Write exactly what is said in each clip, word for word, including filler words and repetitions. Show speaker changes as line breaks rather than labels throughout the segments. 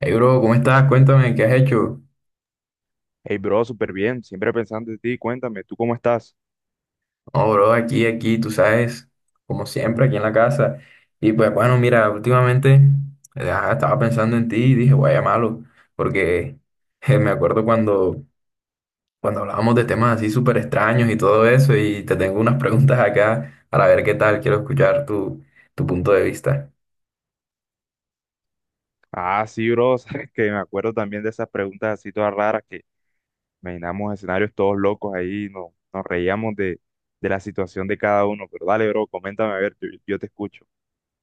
Hey bro, ¿cómo estás? Cuéntame, ¿qué has hecho?
Hey, bro, súper bien. Siempre pensando en ti. Cuéntame, ¿tú cómo estás?
No, bro, aquí, aquí, tú sabes, como siempre, aquí en la casa. Y pues bueno, mira, últimamente eh, ah, estaba pensando en ti y dije, voy a llamarlo, porque eh, me acuerdo cuando, cuando hablábamos de temas así súper extraños y todo eso, y te tengo unas preguntas acá para ver qué tal, quiero escuchar tu, tu punto de vista.
Ah, sí, bro. Sabes que me acuerdo también de esas preguntas así todas raras que imaginamos escenarios todos locos ahí. Nos, nos reíamos de, de la situación de cada uno. Pero dale, bro, coméntame a ver, yo, yo te escucho.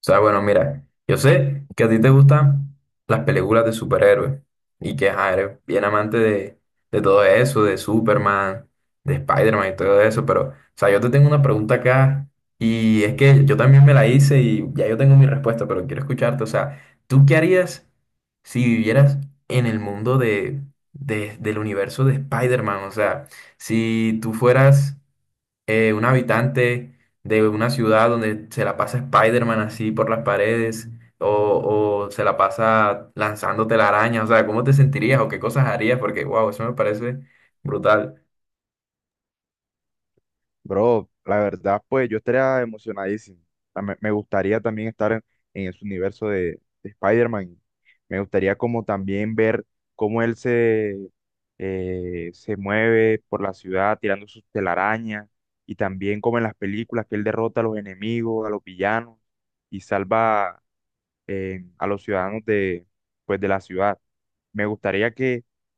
O sea, bueno, mira, yo sé que a ti te gustan las películas de superhéroes y que ajá, eres bien amante de, de todo eso, de Superman, de Spider-Man y todo eso, pero, o sea, yo te tengo una pregunta acá y es que yo también me la hice y ya yo tengo mi respuesta, pero quiero escucharte. O sea, ¿tú qué harías si vivieras en el mundo de, de- del universo de Spider-Man? O sea, si tú fueras eh, un habitante de una ciudad donde se la pasa Spider-Man así por las paredes o, o se la pasa lanzando telarañas, o sea, ¿cómo te sentirías o qué cosas harías? Porque, wow, eso me parece brutal.
Bro, la verdad, pues yo estaría emocionadísimo. Ah, Me, me gustaría también estar en, en ese universo de, de Spider-Man. Me gustaría como también ver cómo él se, eh, se mueve por la ciudad tirando sus telarañas, y también como en las películas, que él derrota a los enemigos, a los villanos, y salva eh, a los ciudadanos de, pues, de la ciudad. Me gustaría que,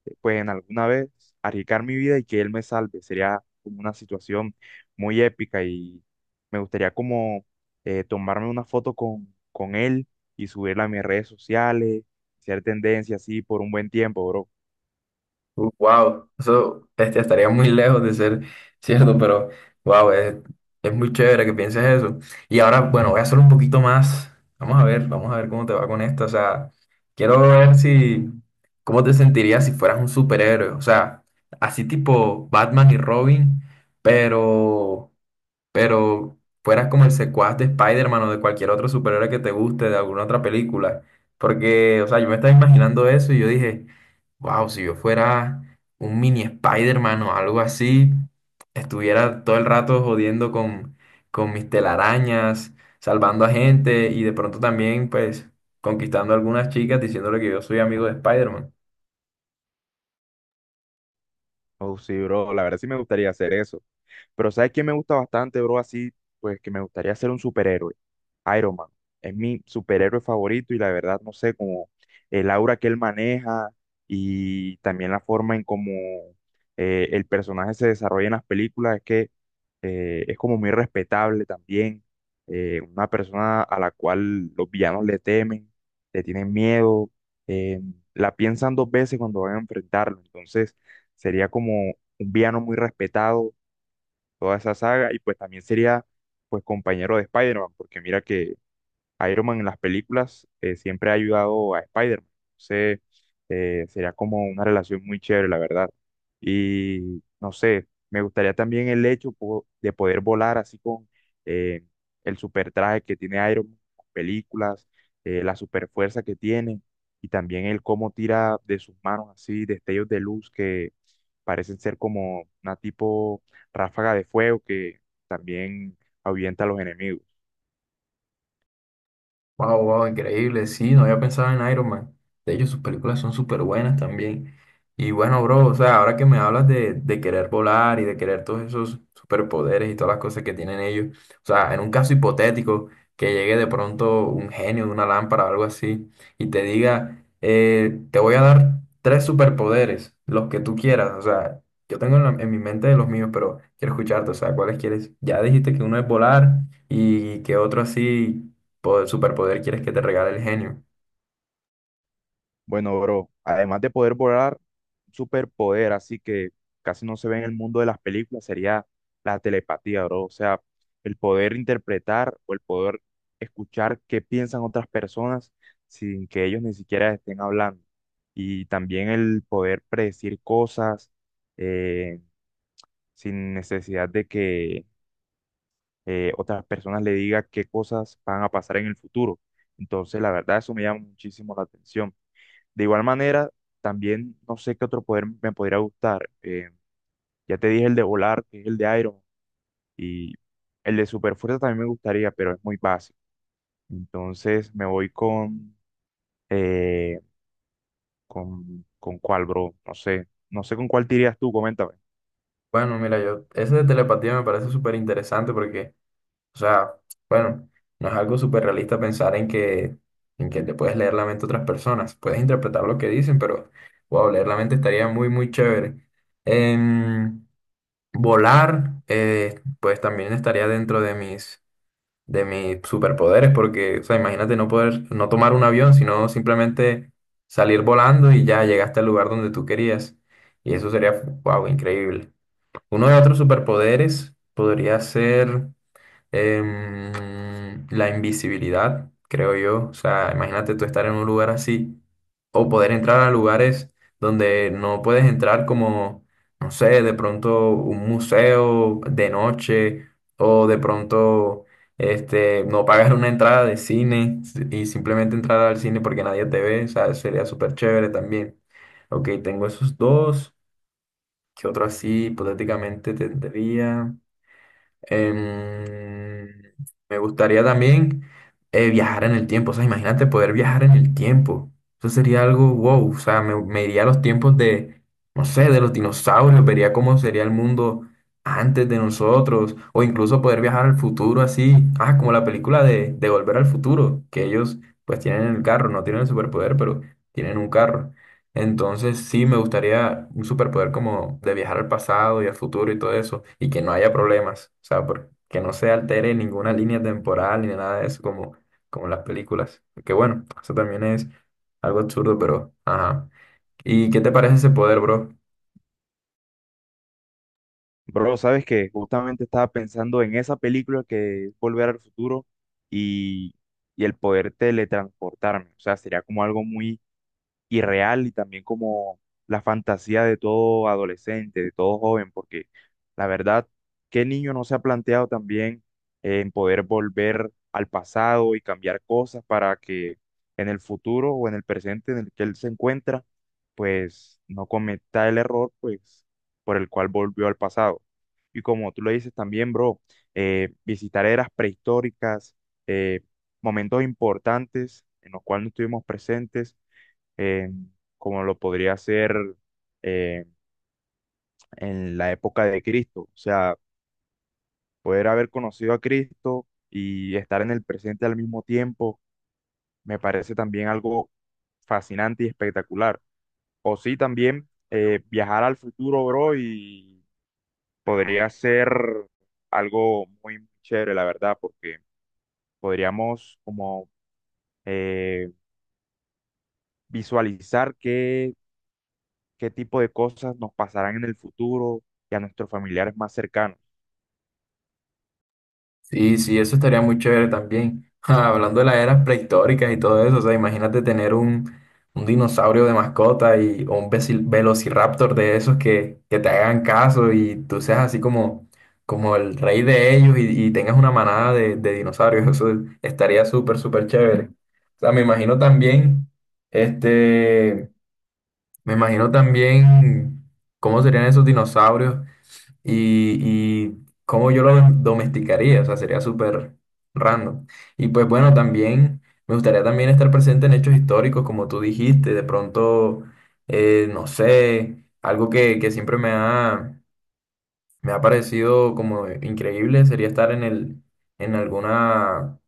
eh, pues, en alguna vez arriesgar mi vida y que él me salve. Sería como una situación muy épica, y me gustaría como eh, tomarme una foto con, con él y subirla a mis redes sociales, ser tendencia así por un buen tiempo, bro.
Wow, eso este, estaría muy lejos de ser cierto, pero wow, es, es muy chévere que pienses eso. Y ahora, bueno, voy a hacer un poquito más. Vamos a ver, vamos a ver cómo te va con esto. O sea, quiero ver si, cómo te sentirías si fueras un superhéroe. O sea, así tipo Batman y Robin, pero pero fueras como el secuaz de Spider-Man o de cualquier otro superhéroe que te guste, de alguna otra película. Porque, o sea, yo me estaba imaginando eso y yo dije, wow, si yo fuera un mini Spider-Man o algo así, estuviera todo el rato jodiendo con, con mis telarañas, salvando a gente y de pronto también, pues, conquistando a algunas chicas diciéndole que yo soy amigo de Spider-Man.
Oh, sí, bro, la verdad sí me gustaría hacer eso. Pero ¿sabes quién me gusta bastante, bro? Así, pues que me gustaría ser un superhéroe. Iron Man. Es mi superhéroe favorito, y la verdad, no sé, como el aura que él maneja, y también la forma en cómo eh, el personaje se desarrolla en las películas, es que eh, es como muy respetable también. eh, una persona a la cual los villanos le temen, le tienen miedo, eh, la piensan dos veces cuando van a enfrentarlo. Entonces, sería como un villano muy respetado toda esa saga, y pues también sería pues compañero de Spider-Man, porque mira que Iron Man en las películas eh, siempre ha ayudado a Spider-Man. Entonces, eh, sería como una relación muy chévere, la verdad. Y no sé, me gustaría también el hecho po- de poder volar así con eh, el super traje que tiene Iron Man en las películas, eh, la super fuerza que tiene, y también el cómo tira de sus manos así destellos de luz que parecen ser como una tipo ráfaga de fuego que también ahuyenta a los enemigos.
Wow, wow, increíble. Sí, no había pensado en Iron Man. De hecho, sus películas son súper buenas también. Y bueno, bro, o sea, ahora que me hablas de, de querer volar y de querer todos esos superpoderes y todas las cosas que tienen ellos, o sea, en un caso hipotético, que llegue de pronto un genio de una lámpara o algo así y te diga, eh, te voy a dar tres superpoderes, los que tú quieras. O sea, yo tengo en, la- en mi mente los míos, pero quiero escucharte, o sea, ¿cuáles quieres? Ya dijiste que uno es volar y que otro así po- superpoder quieres que te regale el genio.
Bueno, bro, además de poder volar, un superpoder, así que casi no se ve en el mundo de las películas, sería la telepatía, bro. O sea, el poder interpretar o el poder escuchar qué piensan otras personas sin que ellos ni siquiera estén hablando. Y también el poder predecir cosas eh, sin necesidad de que eh, otras personas le digan qué cosas van a pasar en el futuro. Entonces, la verdad, eso me llama muchísimo la atención. De igual manera, también no sé qué otro poder me podría gustar. Eh, ya te dije el de volar, que es el de Iron, Man, y el de superfuerza también me gustaría, pero es muy básico. Entonces me voy con, eh, con, con cuál, bro. No sé, no sé con cuál te irías tú, coméntame.
Bueno, mira, yo, ese de telepatía me parece súper interesante porque, o sea, bueno, no es algo súper realista pensar en que, en que te puedes leer la mente a otras personas. Puedes interpretar lo que dicen, pero, wow, leer la mente estaría muy, muy chévere. Em, Volar, eh, pues también estaría dentro de mis de mis superpoderes, porque, o sea, imagínate no poder, no tomar un avión, sino simplemente salir volando y ya llegaste al lugar donde tú querías. Y eso sería, wow, increíble. Uno de otros superpoderes podría ser. Em, la invisibilidad, creo yo. O sea, imagínate tú estar en un lugar así o poder entrar a lugares donde no puedes entrar como, no sé, de pronto un museo de noche o de pronto este, no pagar una entrada de cine y simplemente entrar al cine porque nadie te ve. O sea, sería súper chévere también. Ok, tengo esos dos. ¿Qué otro así hipotéticamente tendría? Em, Me gustaría también eh, viajar en el tiempo. O sea, imagínate poder viajar en el tiempo. Eso sería algo wow. O sea, me, me iría a los tiempos de, no sé, de los dinosaurios. Vería cómo sería el mundo antes de nosotros. O incluso poder viajar al futuro así. Ah, como la película de, de Volver al Futuro. Que ellos pues tienen el carro. No tienen el superpoder, pero tienen un carro. Entonces, sí, me gustaría un superpoder como de viajar al pasado y al futuro y todo eso, y que no haya problemas, o sea, por- que no se altere ninguna línea temporal ni nada de eso, como, como en las películas. Que bueno, eso también es algo absurdo, pero ajá. ¿Y qué te parece ese poder, bro?
Bro, sabes que justamente estaba pensando en esa película que es Volver al Futuro y, y el poder teletransportarme. O sea, sería como algo muy y real, y también como la fantasía de todo adolescente, de todo joven, porque la verdad, ¿qué niño no se ha planteado también eh, en poder volver al pasado y cambiar cosas para que en el futuro o en el presente en el que él se encuentra, pues no cometa el error, pues por el cual volvió al pasado? Y como tú lo dices también, bro, eh, visitar eras prehistóricas, eh, momentos importantes en los cuales no estuvimos presentes eh, como lo podría ser eh, en la época de Cristo. O sea, poder haber conocido a Cristo y estar en el presente al mismo tiempo me parece también algo fascinante y espectacular. O sí, también eh, viajar al futuro, bro, y podría ser algo muy chévere, la verdad, porque podríamos como eh, visualizar qué, qué tipo de cosas nos pasarán en el futuro y a nuestros familiares más cercanos.
Sí, sí, eso estaría muy chévere también. Ja, hablando de las eras prehistóricas y todo eso, o sea, imagínate tener un, un dinosaurio de mascota y, o un veci- velociraptor de esos que, que te hagan caso y tú seas así como, como el rey de ellos y, y tengas una manada de, de dinosaurios. Eso estaría súper, súper chévere. O sea, me imagino también, este, me imagino también cómo serían esos dinosaurios y, y cómo yo lo domesticaría, o sea, sería súper random. Y pues bueno, también me gustaría también estar presente en hechos históricos, como tú dijiste, de pronto, eh, no sé, algo que, que siempre me ha, me ha parecido como increíble sería estar en el, en alguna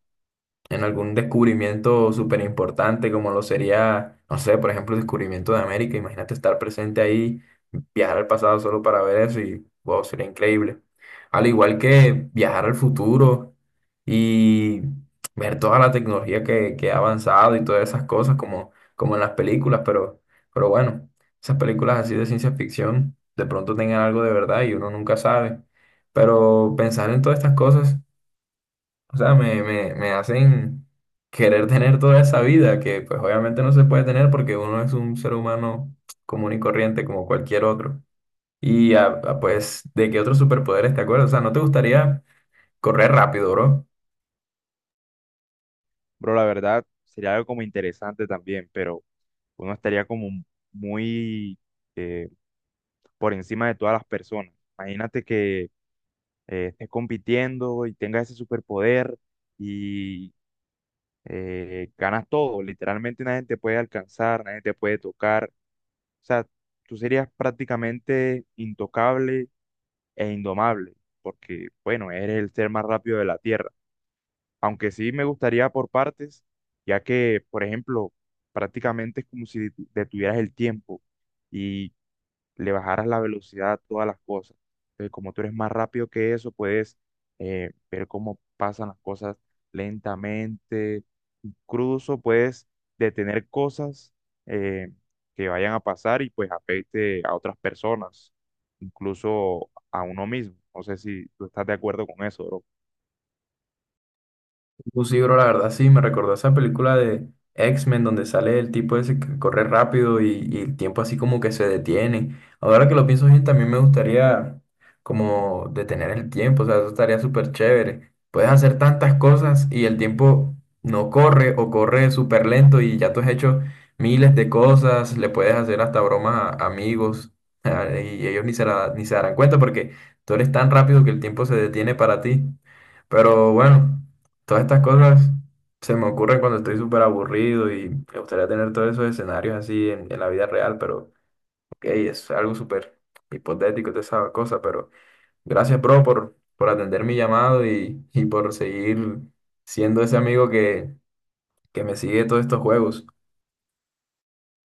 en algún descubrimiento súper importante, como lo sería, no sé, por ejemplo, el descubrimiento de América. Imagínate estar presente ahí, viajar al pasado solo para ver eso y, wow, sería increíble. Al igual que viajar al futuro y ver toda la tecnología que, que ha avanzado y todas esas cosas, como, como en las películas, pero, pero bueno, esas películas así de ciencia ficción de pronto tengan algo de verdad y uno nunca sabe. Pero pensar en todas estas cosas o sea, me, me, me hacen querer tener toda esa vida que pues obviamente no se puede tener porque uno es un ser humano común y corriente como cualquier otro. Y ah, ah, pues, ¿de qué otros superpoderes te acuerdas? O sea, ¿no te gustaría correr rápido, bro?
Bro, la verdad, sería algo como interesante también, pero uno estaría como muy eh, por encima de todas las personas. Imagínate que eh, estés compitiendo y tengas ese superpoder y eh, ganas todo. Literalmente nadie te puede alcanzar, nadie te puede tocar. O sea, tú serías prácticamente intocable e indomable, porque, bueno, eres el ser más rápido de la Tierra. Aunque sí me gustaría por partes, ya que, por ejemplo, prácticamente es como si detu- detuvieras el tiempo y le bajaras la velocidad a todas las cosas. Entonces, como tú eres más rápido que eso, puedes eh, ver cómo pasan las cosas lentamente, incluso puedes detener cosas eh, que vayan a pasar y pues afecte a otras personas, incluso a uno mismo. No sé si tú estás de acuerdo con eso, bro.
Pues sí, bro, la verdad sí, me recordó esa película de X-Men donde sale el tipo ese que corre rápido y, y el tiempo así como que se detiene. Ahora que lo pienso bien, también me gustaría como detener el tiempo, o sea, eso estaría súper chévere. Puedes hacer tantas cosas y el tiempo no corre o corre súper lento y ya tú has hecho miles de cosas, le puedes hacer hasta bromas a amigos y ellos ni se la- ni se darán cuenta porque tú eres tan rápido que el tiempo se detiene para ti. Pero bueno. Todas estas cosas se me ocurren cuando estoy súper aburrido y me gustaría tener todos esos escenarios así en, en la vida real, pero ok, es algo súper hipotético toda esa cosa, pero gracias, bro, por, por atender mi llamado y, y por seguir siendo ese amigo que, que me sigue todos estos juegos.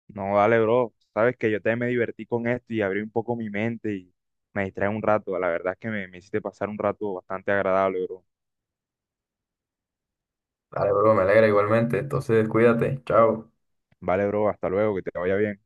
No, dale, bro. Sabes que yo también me divertí con esto y abrí un poco mi mente, y me distrae un rato. La verdad es que me, me hiciste pasar un rato bastante agradable, bro.
Dale, bro, me alegra igualmente, entonces cuídate, chao.
Vale, bro. Hasta luego. Que te vaya bien.